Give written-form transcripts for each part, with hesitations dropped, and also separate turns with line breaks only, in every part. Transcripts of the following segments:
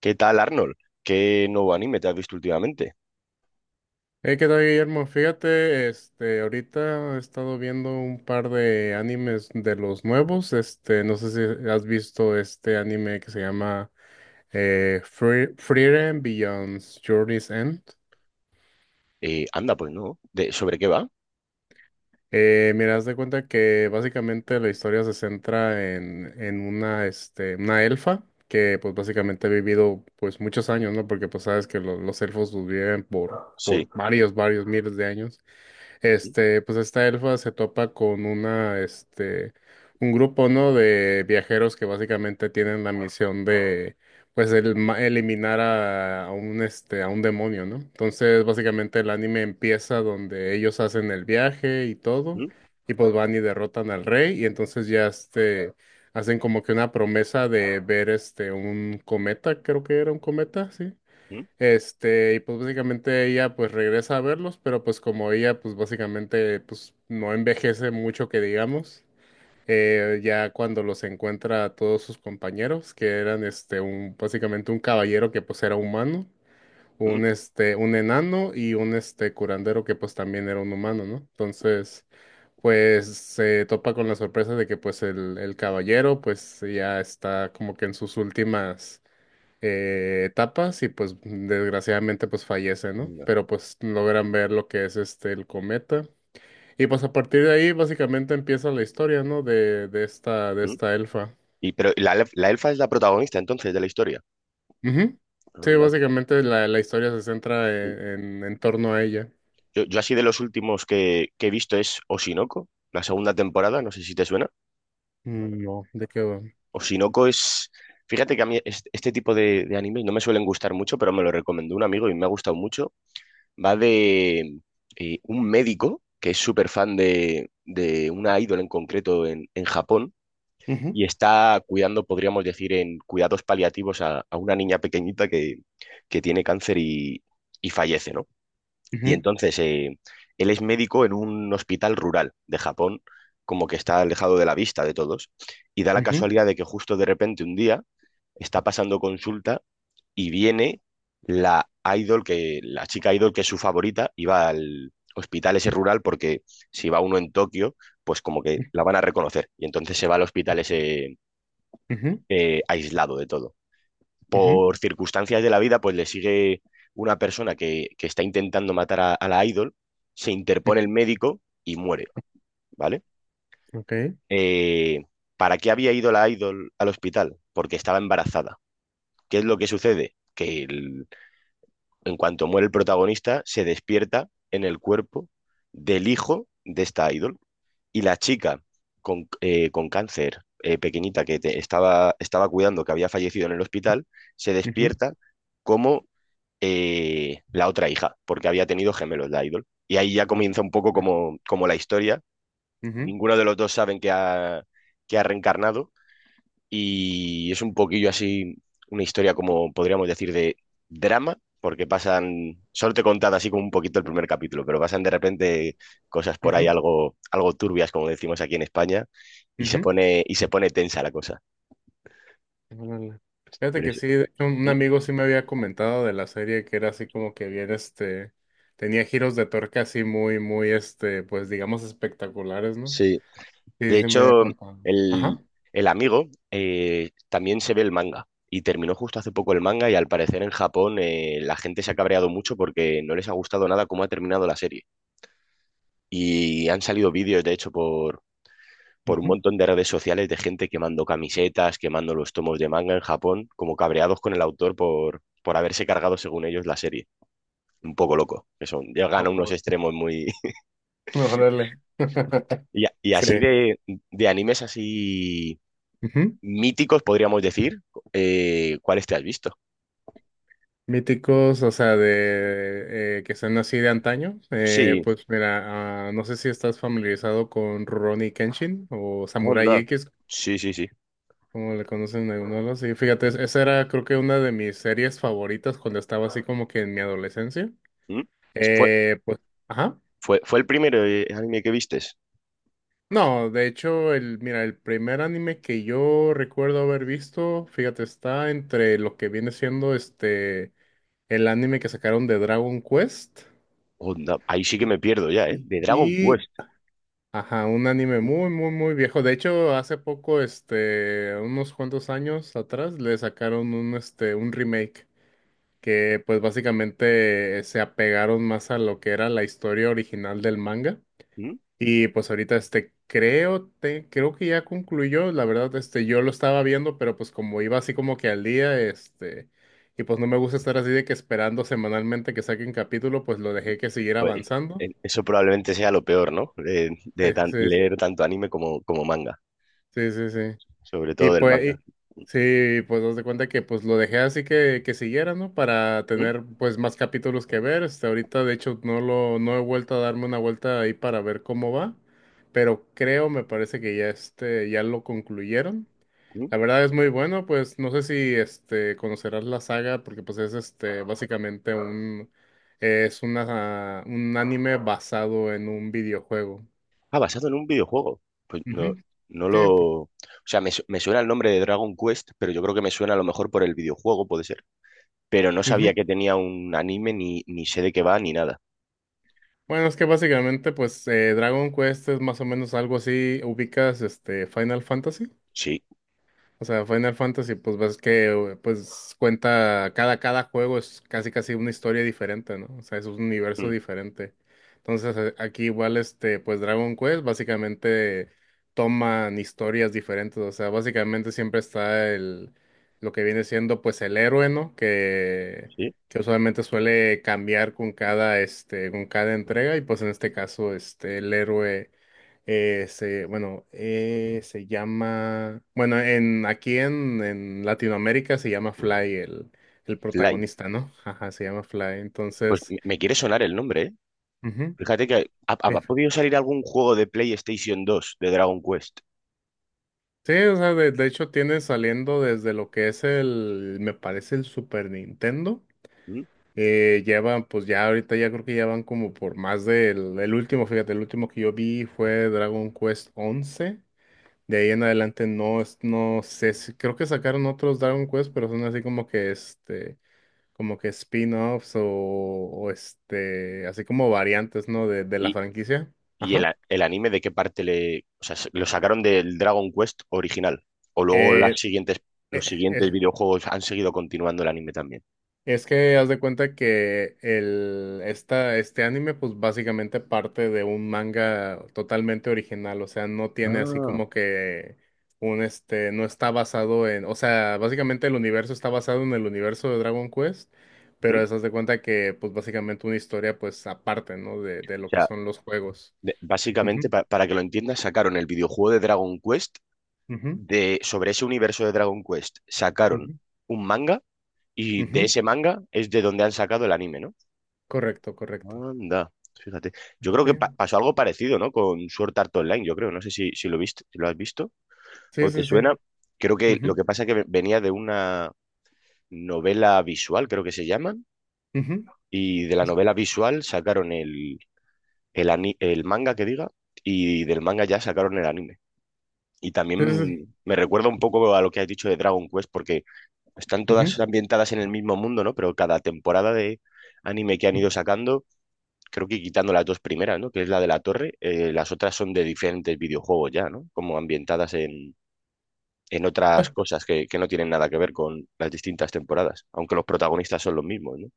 ¿Qué tal, Arnold? ¿Qué nuevo anime te has visto últimamente?
Hey, ¿qué tal, Guillermo? Fíjate, ahorita he estado viendo un par de animes de los nuevos. No sé si has visto este anime que se llama Frieren Beyond Journey's End.
Anda, pues no. ¿ Sobre qué va?
Mira, haz de cuenta que básicamente la historia se centra en una elfa que, pues, básicamente ha vivido, pues, muchos años, ¿no? Porque, pues, sabes que los elfos pues, viven por,
Sí.
por varios miles de años.
Mm,
Pues esta elfa se topa con un grupo, ¿no? De viajeros que básicamente tienen la misión de, eliminar a un demonio, ¿no? Entonces, básicamente el anime empieza donde ellos hacen el viaje y todo,
mm,
y pues van y derrotan al rey, y entonces ya, hacen como que una promesa de ver, un cometa, creo que era un cometa, sí.
mm,
Y pues básicamente ella pues regresa a verlos, pero pues como ella pues básicamente pues no envejece mucho que digamos, ya cuando los encuentra a todos sus compañeros, que eran este un básicamente un caballero que pues era humano,
mm,
un enano y un curandero que pues también era un humano, ¿no? Entonces, pues se topa con la sorpresa de que pues el caballero pues ya está como que en sus últimas etapas y pues desgraciadamente pues fallece, ¿no?
anda,
Pero pues logran ver lo que es el cometa. Y pues a partir de ahí básicamente empieza la historia, ¿no? De
mm.
esta elfa.
Pero la la elfa es la protagonista entonces de la historia.
Ujú. Sí,
Anda.
básicamente la historia se centra
Mm.
en, torno a ella.
Yo así de los últimos que he visto es Oshinoko, la segunda temporada, no sé si te suena.
Mm, no, ¿de qué va?
Oshinoko es… Fíjate que a mí este tipo de anime no me suelen gustar mucho, pero me lo recomendó un amigo y me ha gustado mucho. Va de un médico que es súper fan de una ídola en concreto en Japón,
Ujú,
y está cuidando, podríamos decir, en cuidados paliativos a una niña pequeñita que tiene cáncer y fallece, ¿no? Y
ujú,
entonces él es médico en un hospital rural de Japón, como que está alejado de la vista de todos, y da la
ujú,
casualidad de que justo de repente un día está pasando consulta y viene la idol que, la chica idol que es su favorita, y va al hospital ese rural porque si va uno en Tokio, pues como que la van a reconocer. Y entonces se va al hospital ese
ujú,
aislado de todo.
ujú,
Por circunstancias de la vida, pues le sigue una persona que está intentando matar a la idol, se
ujú.
interpone el médico y muere, ¿vale?
Ok,
Eh, ¿Para qué había ido la idol al hospital? Porque estaba embarazada. ¿Qué es lo que sucede? En cuanto muere el protagonista, se despierta en el cuerpo del hijo de esta idol. Y la chica con cáncer pequeñita que estaba, estaba cuidando, que había fallecido en el hospital, se
ujú,
despierta como la otra hija, porque había tenido gemelos la idol. Y ahí ya
no,
comienza un poco
ok,
como, como la historia.
ujú,
Ninguno de los dos saben que ha reencarnado y es un poquillo así, una historia como podríamos decir de drama, porque pasan, solo te he contado así como un poquito el primer capítulo, pero pasan de repente cosas por ahí
ujú,
algo, algo turbias, como decimos aquí en España, y se
ujú.
pone, y se pone tensa la cosa.
Órale. Fíjate
Pero
que
es-
sí, de hecho, un
¿Mm?
amigo sí me había comentado de la serie que era así como que bien, tenía giros de torque así muy, muy, pues digamos espectaculares, ¿no?
Sí,
Sí, sí,
de
sí me había
hecho,
contado.
el,
Ajá.
el amigo también se ve el manga. Y terminó justo hace poco el manga y al parecer en Japón, la gente se ha cabreado mucho porque no les ha gustado nada cómo ha terminado la serie. Y han salido vídeos, de hecho, por un
Ujú.
montón de redes sociales de gente quemando camisetas, quemando los tomos de manga en Japón, como cabreados con el autor por haberse cargado, según ellos, la serie. Un poco loco. Que son, llegan a
Por
unos
favor.
extremos muy.
Órale.
Y
Sí.
así de, animes así
Ujú.
míticos, podríamos decir. ¿Cuáles te has visto?
Míticos, o sea, de que sean así de antaño.
Sí,
Pues mira, ah, no sé si estás familiarizado con Ronnie Kenshin o Samurai
onda.
X.
Sí, sí, sí.
Como le conocen algunos, sí, fíjate, esa era creo que una de mis series favoritas cuando estaba así como que en mi adolescencia.
¿Mm? Es- Fue,
Pues, ajá.
Fue el primer anime que vistes.
No, de hecho, mira, el primer anime que yo recuerdo haber visto, fíjate, está entre lo que viene siendo el anime que sacaron de Dragon Quest
Onda. Ahí sí que me pierdo ya, ¿eh? De Dragon
y,
Quest.
ajá, un anime
¿Mm?
muy, muy, muy viejo. De hecho, hace poco, unos cuantos años atrás, le sacaron un remake. Que pues básicamente se apegaron más a lo que era la historia original del manga.
¿Mm?
Y pues ahorita creo creo que ya concluyó, la verdad yo lo estaba viendo, pero pues como iba así como que al día, y pues no me gusta estar así de que esperando semanalmente que saquen capítulo, pues lo dejé que siguiera
Pues eh,
avanzando.
eh, eso probablemente sea lo peor, ¿no? De, de
Sí,
tan-
sí,
leer tanto anime como, como manga,
sí, sí, sí.
sobre
Y
todo del
pues,
manga.
sí, pues dos de cuenta que pues lo dejé así que, siguiera, ¿no? Para
¿Mm?
tener pues más capítulos que ver. Hasta ahorita, de hecho, no he vuelto a darme una vuelta ahí para ver cómo va. Pero creo, me parece que ya, ya lo concluyeron.
¿Mm?
La verdad es muy bueno, pues no sé si conocerás la saga, porque pues es básicamente un, es una, un anime basado en un videojuego.
Ah, basado en un videojuego. Pues no,
Ujú.
no
Sí,
lo…
pues,
O sea, me suena el nombre de Dragon Quest, pero yo creo que me suena a lo mejor por el videojuego, puede ser. Pero no
ujú.
sabía que tenía un anime, ni, ni sé de qué va, ni nada.
Bueno, es que básicamente, pues, Dragon Quest es más o menos algo así. ¿Ubicas Final Fantasy?
Sí,
O sea, Final Fantasy, pues ves que pues cuenta cada juego es casi casi una historia diferente, ¿no? O sea, es un universo
mm,
diferente. Entonces, aquí igual, pues Dragon Quest básicamente toman historias diferentes. O sea, básicamente siempre está el lo que viene siendo pues el héroe, ¿no? Que,
sí.
que usualmente suele cambiar con cada, con cada entrega. Y pues en este caso, el héroe. Se llama, en aquí en Latinoamérica se llama Fly, el
Fly.
protagonista, ¿no? Ajá, se llama Fly.
Pues
Entonces,
me quiere sonar el nombre, ¿eh?
ujú,
Fíjate que ha, ha-
eh,
ha podido salir algún juego de PlayStation 2 de Dragon Quest.
sí, o sea, de hecho tiene saliendo desde lo que es me parece el Super Nintendo.
¿M?
Llevan, pues ya ahorita ya creo que ya van como por más el último, fíjate, el último que yo vi fue Dragon Quest 11. De ahí en adelante no, no sé, creo que sacaron otros Dragon Quest, pero son así como que, como que spin-offs o así como variantes, ¿no? De la
¿Y,
franquicia. Ajá.
el anime de qué parte le… O sea, lo sacaron del Dragon Quest original. O luego las
Eh,
siguientes, los
eh,
siguientes
eh,
videojuegos han seguido continuando el anime también.
Es que haz de cuenta que este anime pues básicamente parte de un manga totalmente original, o sea, no tiene así
Ah.
como que no está basado en, o sea, básicamente el universo está basado en el universo de Dragon Quest,
¿m?
pero
O
es haz de cuenta que pues básicamente una historia pues aparte, ¿no? De lo que
sea,
son los juegos.
de- básicamente,
Ujú,
para que lo entiendas, sacaron el videojuego de Dragon Quest
ujú,
de, sobre ese universo de Dragon Quest. Sacaron
ujú,
un manga. Y de
ujú.
ese manga es de donde han sacado el anime, ¿no?
Correcto, correcto.
Anda, fíjate. Yo creo
Sí,
que pasó algo parecido, ¿no? Con Sword Art Online, yo creo. No sé si, si lo viste, si lo has visto
sí,
o te
sí, sí.
suena. Creo que lo
Ujú,
que pasa es que venía de una novela visual, creo que se llaman,
ujú.
y de la novela visual sacaron el manga que diga, y del manga ya sacaron el anime. Y
Sí, sí, sí.
también me recuerda un poco a lo que has dicho de Dragon Quest, porque están todas ambientadas en el mismo mundo, ¿no? Pero cada temporada de anime que han
Ujú.
ido sacando creo que quitando las dos primeras, ¿no? Que es la de la torre, las otras son de diferentes videojuegos ya, ¿no? Como ambientadas en otras cosas que no tienen nada que ver con las distintas temporadas, aunque los protagonistas son los mismos, ¿no?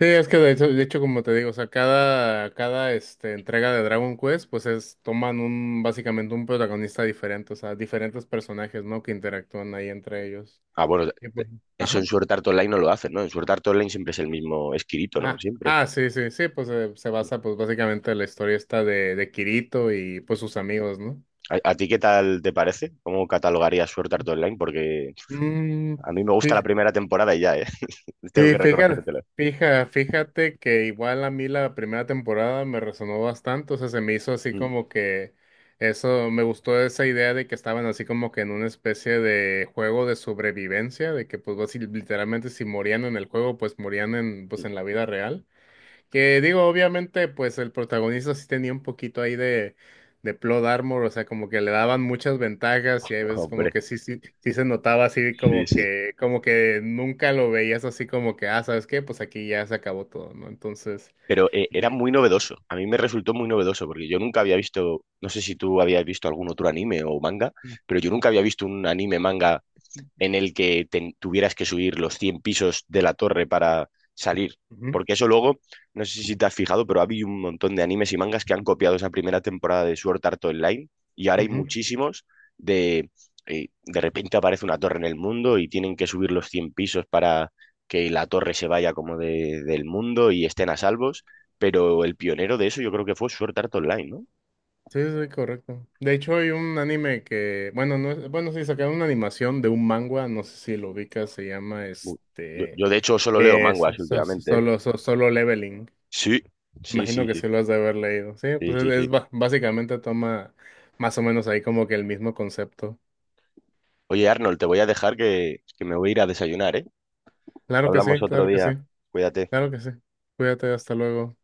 Sí, es que de hecho, como te digo, o sea, cada entrega de Dragon Quest, pues toman básicamente un protagonista diferente, o sea, diferentes personajes, ¿no? Que interactúan ahí entre ellos.
Ah, bueno,
Y pues,
eso en
ajá.
Sword Art Online no lo hacen, ¿no? En Sword Art Online siempre es el mismo esquirito, ¿no?
Ah,
Siempre.
ah, sí, sí, sí, pues se basa, pues básicamente en la historia esta de Kirito y pues sus amigos, ¿no?
A ti qué tal te parece? ¿Cómo catalogarías Sword Art Online? Porque
Mm,
a mí me gusta la
fí-
primera temporada y ya, ¿eh? Tengo
sí,
que
fíjate,
reconocértelo.
fíjate que igual a mí la primera temporada me resonó bastante, o sea, se me hizo así
Mm,
como que eso, me gustó esa idea de que estaban así como que en una especie de juego de sobrevivencia, de que pues así literalmente si morían en el juego, pues morían
mm,
pues en la vida real. Que digo, obviamente, pues el protagonista sí tenía un poquito ahí de plot armor, o sea, como que le daban muchas ventajas y hay veces como
Hombre.
que sí, sí, sí se notaba así
Sí, sí.
como que nunca lo veías así como que, ah, ¿sabes qué? Pues aquí ya se acabó todo, ¿no? Entonces.
Pero era
y-
muy novedoso. A mí me resultó muy novedoso porque yo nunca había visto, no sé si tú habías visto algún otro anime o manga, pero yo nunca había visto un anime manga en el que tuvieras que subir los 100 pisos de la torre para salir.
Ujú,
Porque eso luego, no sé si te has fijado, pero ha habido un montón de animes y mangas que han copiado esa primera temporada de Sword Art Online y ahora hay
ujú.
muchísimos de… de repente aparece una torre en el mundo y tienen que subir los 100 pisos para que la torre se vaya como del mundo y estén a salvos, pero el pionero de eso yo creo que fue Sword Art Online, ¿no?
Sí, sí, sí, correcto. De hecho, hay un anime que, bueno, no, bueno, sí, sacaron una animación de un manga, no sé si lo ubicas, se llama
Bu- Yo, yo de hecho solo leo manguas últimamente, ¿eh?
Solo leveling.
Sí, sí, sí,
Imagino que
sí,
sí lo has de haber leído. Sí,
sí,
pues
sí, sí.
básicamente toma más o menos ahí como que el mismo concepto.
Oye, Arnold, te voy a dejar que me voy a ir a desayunar, ¿eh?
Claro que
Hablamos
sí,
otro
claro que sí,
día. Cuídate.
claro que sí. Cuídate, hasta luego.